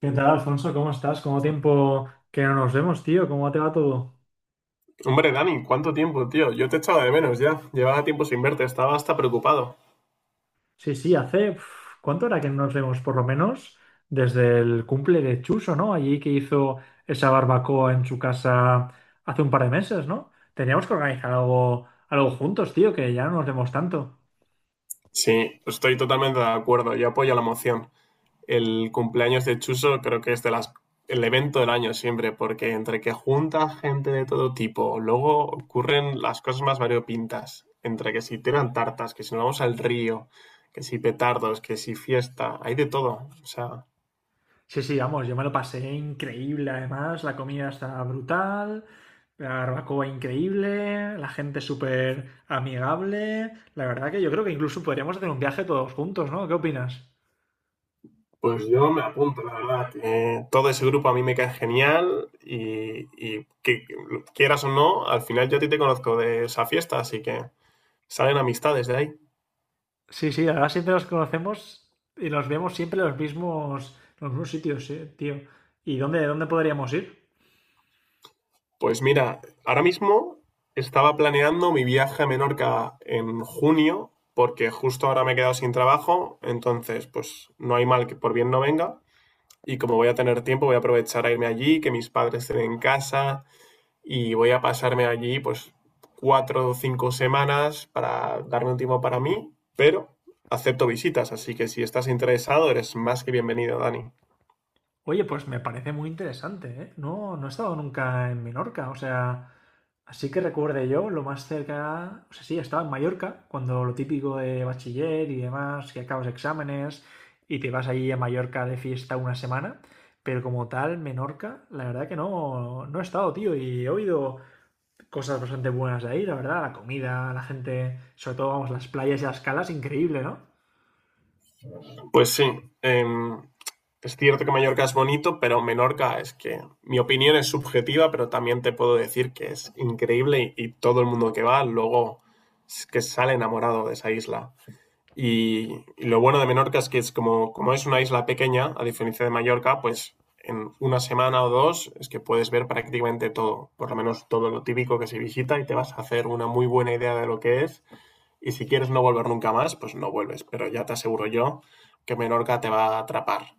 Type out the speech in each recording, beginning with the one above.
¿Qué tal, Alfonso? ¿Cómo estás? ¿Cómo tiempo que no nos vemos, tío? ¿Cómo te va todo? Hombre, Dani, ¿cuánto tiempo, tío? Yo te echaba de menos ya. Llevaba tiempo sin verte, estaba hasta preocupado. Sí, sí, ¿cuánto era que no nos vemos? Por lo menos desde el cumple de Chuso, ¿no? Allí que hizo esa barbacoa en su casa hace un par de meses, ¿no? Teníamos que organizar algo, algo juntos, tío, que ya no nos vemos tanto. Sí, estoy totalmente de acuerdo. Yo apoyo la moción. El cumpleaños de Chuso creo que es de las, el evento del año siempre, porque entre que junta gente de todo tipo, luego ocurren las cosas más variopintas. Entre que si tiran tartas, que si nos vamos al río, que si petardos, que si fiesta, hay de todo. O sea, Sí, sí, vamos, yo me lo pasé increíble además, la comida está brutal, la barbacoa increíble, la gente súper amigable, la verdad que yo creo que incluso podríamos hacer un viaje todos juntos, ¿no? ¿Qué opinas? pues yo me apunto, la verdad. Todo ese grupo a mí me cae genial y que lo quieras o no, al final yo a ti te conozco de esa fiesta, así que salen amistades de ahí. Sí, sí, ahora siempre nos conocemos y nos vemos siempre en los mismos, sitios, sí, tío. ¿Y dónde podríamos ir? Pues mira, ahora mismo estaba planeando mi viaje a Menorca en junio, porque justo ahora me he quedado sin trabajo, entonces pues no hay mal que por bien no venga. Y como voy a tener tiempo, voy a aprovechar a irme allí, que mis padres estén en casa, y voy a pasarme allí pues cuatro o cinco semanas para darme un tiempo para mí, pero acepto visitas, así que si estás interesado eres más que bienvenido, Dani. Oye, pues me parece muy interesante, ¿eh? No, no he estado nunca en Menorca, o sea, así que recuerde yo, lo más cerca, o sea, sí, estaba en Mallorca, cuando lo típico de bachiller y demás, que acabas exámenes y te vas allí a Mallorca de fiesta una semana, pero como tal, Menorca, la verdad que no, no he estado, tío, y he oído cosas bastante buenas de ahí, la verdad, la comida, la gente, sobre todo, vamos, las playas y las calas, increíble, ¿no? Pues sí, em, es cierto que Mallorca es bonito, pero Menorca es que mi opinión es subjetiva, pero también te puedo decir que es increíble y, todo el mundo que va luego es que sale enamorado de esa isla. Y, y lo bueno de Menorca es que es como es una isla pequeña, a diferencia de Mallorca, pues en una semana o dos es que puedes ver prácticamente todo, por lo menos todo lo típico que se visita y te vas a hacer una muy buena idea de lo que es. Y si quieres no volver nunca más, pues no vuelves, pero ya te aseguro yo que Menorca te va a atrapar.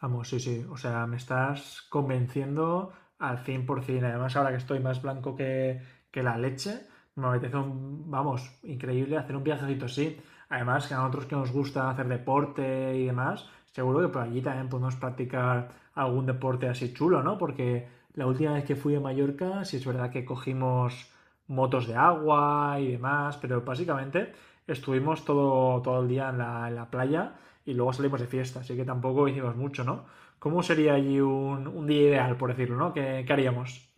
Vamos, sí, sí. O sea, me estás convenciendo al 100%. Además, ahora que estoy más blanco que la leche, me apetece un, vamos, increíble hacer un viajecito así. Además, que a nosotros que nos gusta hacer deporte y demás, seguro que por allí también podemos practicar algún deporte así chulo, ¿no? Porque la última vez que fui a Mallorca, sí es verdad que cogimos motos de agua y demás, pero básicamente estuvimos todo, todo el día en la playa y luego salimos de fiesta, así que tampoco hicimos mucho, ¿no? ¿Cómo sería allí un, día ideal, por decirlo, ¿no? ¿Qué haríamos?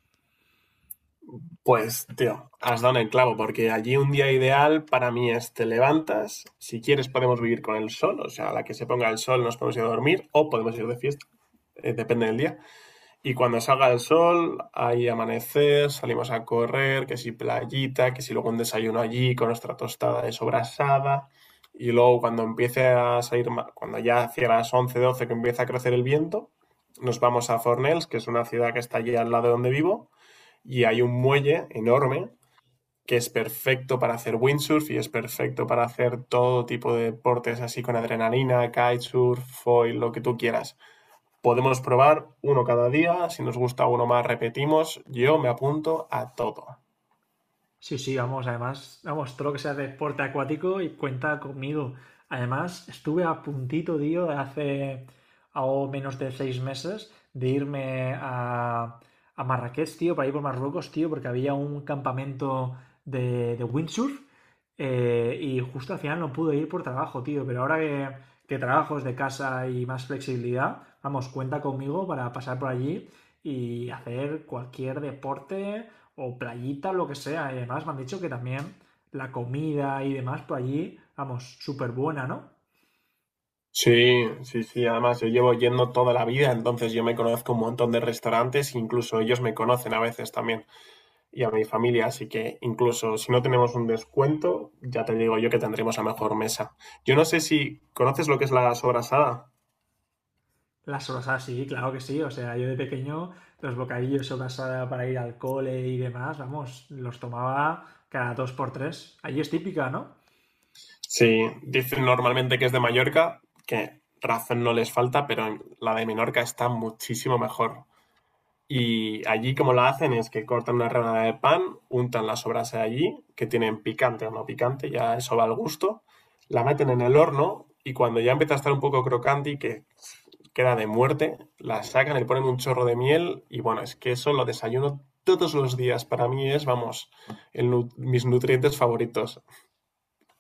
Pues, tío, has dado en el clavo, porque allí un día ideal para mí es te levantas, si quieres podemos vivir con el sol, o sea, a la que se ponga el sol nos podemos ir a dormir o podemos ir de fiesta, depende del día. Y cuando salga el sol, hay amanecer, salimos a correr, que si playita, que si luego un desayuno allí con nuestra tostada de sobrasada. Y luego cuando empiece a salir, cuando ya hacia las 11 12 que empieza a crecer el viento, nos vamos a Fornells, que es una ciudad que está allí al lado de donde vivo, y hay un muelle enorme que es perfecto para hacer windsurf y es perfecto para hacer todo tipo de deportes así con adrenalina, kitesurf, foil, lo que tú quieras. Podemos probar uno cada día, si nos gusta uno más repetimos, yo me apunto a todo. Sí, sí, vamos, además, vamos, todo lo que sea deporte acuático y cuenta conmigo. Además, estuve a puntito, tío, de hace algo menos de 6 meses de irme a, Marrakech, tío, para ir por Marruecos, tío, porque había un campamento de, windsurf y justo al final no pude ir por trabajo, tío, pero ahora que trabajo desde casa y más flexibilidad, vamos, cuenta conmigo para pasar por allí y hacer cualquier deporte o playita, o lo que sea. Y además me han dicho que también la comida y demás por allí, vamos, súper buena, ¿no? Sí, sí, sí, además yo llevo yendo toda la vida, entonces yo me conozco un montón de restaurantes, incluso ellos me conocen a veces también y a mi familia, así que incluso si no tenemos un descuento, ya te digo yo que tendremos la mejor mesa. Yo no sé si conoces lo que es la sobrasada. Las sobrasadas, sí, claro que sí. O sea, yo de pequeño los bocadillos sobrasada para ir al cole y demás, vamos, los tomaba cada dos por tres. Allí es típica, ¿no? Sí, dicen normalmente que es de Mallorca, que razón no les falta, pero la de Menorca está muchísimo mejor. Y allí como la hacen es que cortan una rebanada de pan, untan la sobrasa de allí, que tienen picante o no picante, ya eso va al gusto, la meten en el horno y cuando ya empieza a estar un poco crocante y que queda de muerte, la sacan, le ponen un chorro de miel y bueno, es que eso lo desayuno todos los días. Para mí es, vamos, el mis nutrientes favoritos.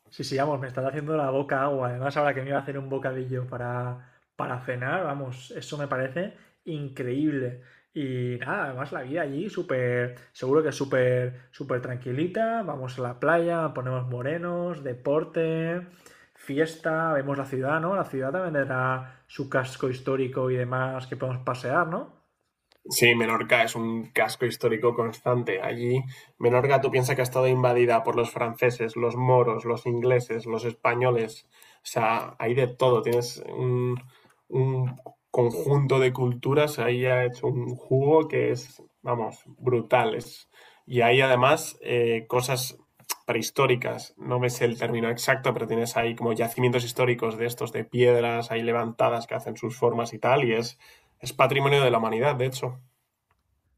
Sí, sí, vamos, me está haciendo la boca agua. Además, ahora que me iba a hacer un bocadillo para cenar, vamos, eso me parece increíble. Y nada, además la vida allí súper, seguro que súper, súper tranquilita. Vamos a la playa, ponemos morenos, deporte, fiesta, vemos la ciudad, ¿no? La ciudad también tendrá su casco histórico y demás que podemos pasear, ¿no? Sí, Menorca es un casco histórico constante. Allí, Menorca, tú piensas que ha estado invadida por los franceses, los moros, los ingleses, los españoles. O sea, hay de todo. Tienes un conjunto de culturas. Ahí ha hecho un jugo que es, vamos, brutal. Y hay además cosas prehistóricas. No me sé el término exacto, pero tienes ahí como yacimientos históricos de estos, de piedras ahí levantadas que hacen sus formas y tal. Y es patrimonio de la humanidad, de hecho.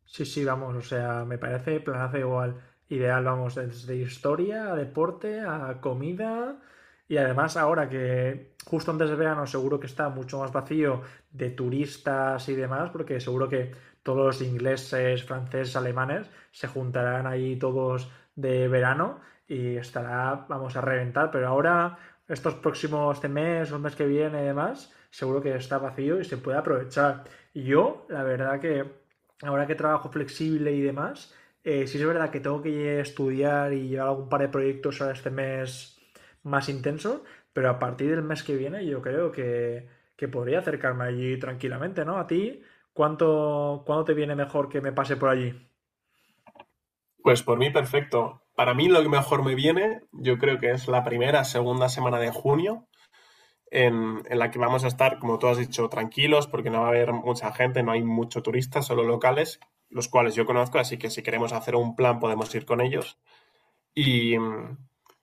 Sí, sí, vamos, o sea, me parece planazo igual. Ideal, vamos, desde historia a deporte a comida. Y además, ahora que justo antes de verano seguro que está mucho más vacío de turistas y demás, porque seguro que todos los ingleses, franceses, alemanes se juntarán ahí todos de verano y estará, vamos a reventar. Pero ahora, este mes o el mes que viene y demás, seguro que está vacío y se puede aprovechar. Yo, la verdad que ahora que trabajo flexible y demás, sí es verdad que tengo que estudiar y llevar algún par de proyectos ahora este mes más intenso, pero a partir del mes que viene yo creo que podría acercarme allí tranquilamente, ¿no? A ti, ¿cuándo te viene mejor que me pase por allí? Pues por mí perfecto. Para mí lo que mejor me viene, yo creo que es la primera, segunda semana de junio, en la que vamos a estar, como tú has dicho, tranquilos, porque no va a haber mucha gente, no hay mucho turistas, solo locales, los cuales yo conozco, así que si queremos hacer un plan podemos ir con ellos. Y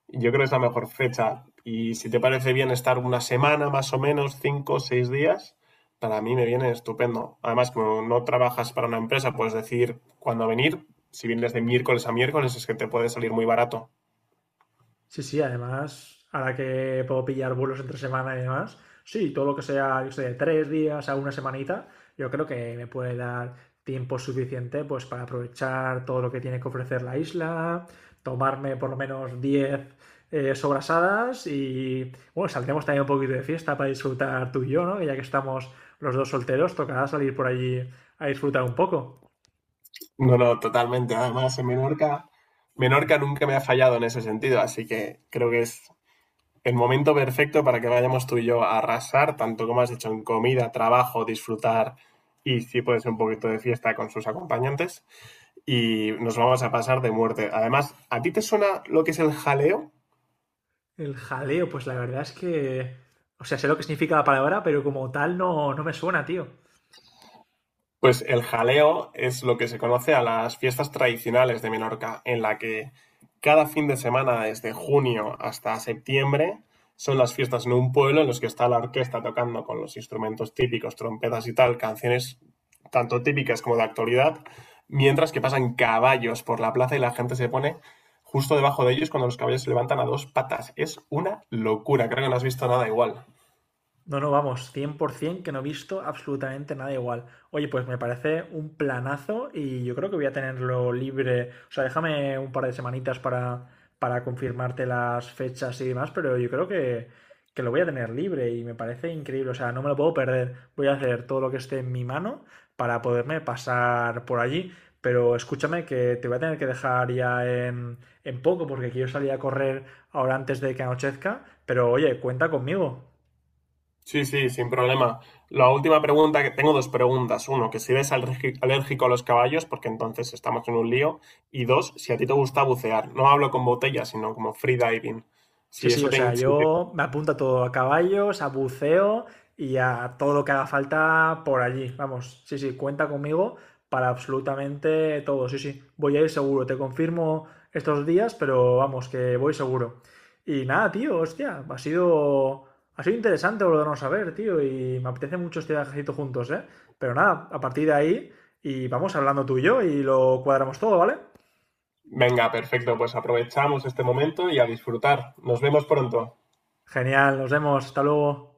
yo creo que es la mejor fecha. Y si te parece bien estar una semana más o menos, cinco o seis días, para mí me viene estupendo. Además, como no trabajas para una empresa, puedes decir cuándo venir. Si vienes de miércoles a miércoles, es que te puede salir muy barato. Sí, sí, además, ahora que puedo pillar vuelos entre semana y demás, sí, todo lo que sea, yo sé, de 3 días a una semanita, yo creo que me puede dar tiempo suficiente pues para aprovechar todo lo que tiene que ofrecer la isla, tomarme por lo menos 10 sobrasadas y, bueno, saldremos también un poquito de fiesta para disfrutar tú y yo, ¿no? Que ya que estamos los dos solteros, tocará salir por allí a disfrutar un poco. No, no, totalmente. Además, en Menorca, Menorca nunca me ha fallado en ese sentido, así que creo que es el momento perfecto para que vayamos tú y yo a arrasar, tanto como has dicho, en comida, trabajo, disfrutar y si puede ser un poquito de fiesta con sus acompañantes, y nos vamos a pasar de muerte. Además, ¿a ti te suena lo que es el jaleo? El jaleo, pues la verdad es que. O sea, sé lo que significa la palabra, pero como tal no, no me suena, tío. Pues el jaleo es lo que se conoce a las fiestas tradicionales de Menorca, en la que cada fin de semana, desde junio hasta septiembre, son las fiestas en un pueblo en los que está la orquesta tocando con los instrumentos típicos, trompetas y tal, canciones tanto típicas como de actualidad, mientras que pasan caballos por la plaza y la gente se pone justo debajo de ellos cuando los caballos se levantan a dos patas. Es una locura, creo que no has visto nada igual. No, no, vamos, 100% que no he visto absolutamente nada igual. Oye, pues me parece un planazo y yo creo que voy a tenerlo libre. O sea, déjame un par de semanitas para confirmarte las fechas y demás, pero yo creo que lo voy a tener libre y me parece increíble. O sea, no me lo puedo perder. Voy a hacer todo lo que esté en mi mano para poderme pasar por allí. Pero escúchame que te voy a tener que dejar ya en poco porque quiero salir a correr ahora antes de que anochezca. Pero oye, cuenta conmigo. Sí, sí, sin problema. La última pregunta, que tengo dos preguntas. Uno, que si eres alérgico a los caballos, porque entonces estamos en un lío. Y dos, si a ti te gusta bucear. No hablo con botellas, sino como freediving. Sí, Si sí, eso o te... sea, si te- yo me apunto a todo, a caballos, a buceo y a todo lo que haga falta por allí. Vamos, sí, sí, cuenta conmigo para absolutamente todo, sí, sí. Voy a ir seguro, te confirmo estos días, pero vamos, que voy seguro. Y nada, tío, hostia, ha sido interesante volvernos a ver, tío, y me apetece mucho este viajecito juntos, ¿eh? Pero nada, a partir de ahí, y vamos hablando tú y yo y lo cuadramos todo, ¿vale? Venga, perfecto, pues aprovechamos este momento y a disfrutar. Nos vemos pronto. Genial, nos vemos, hasta luego.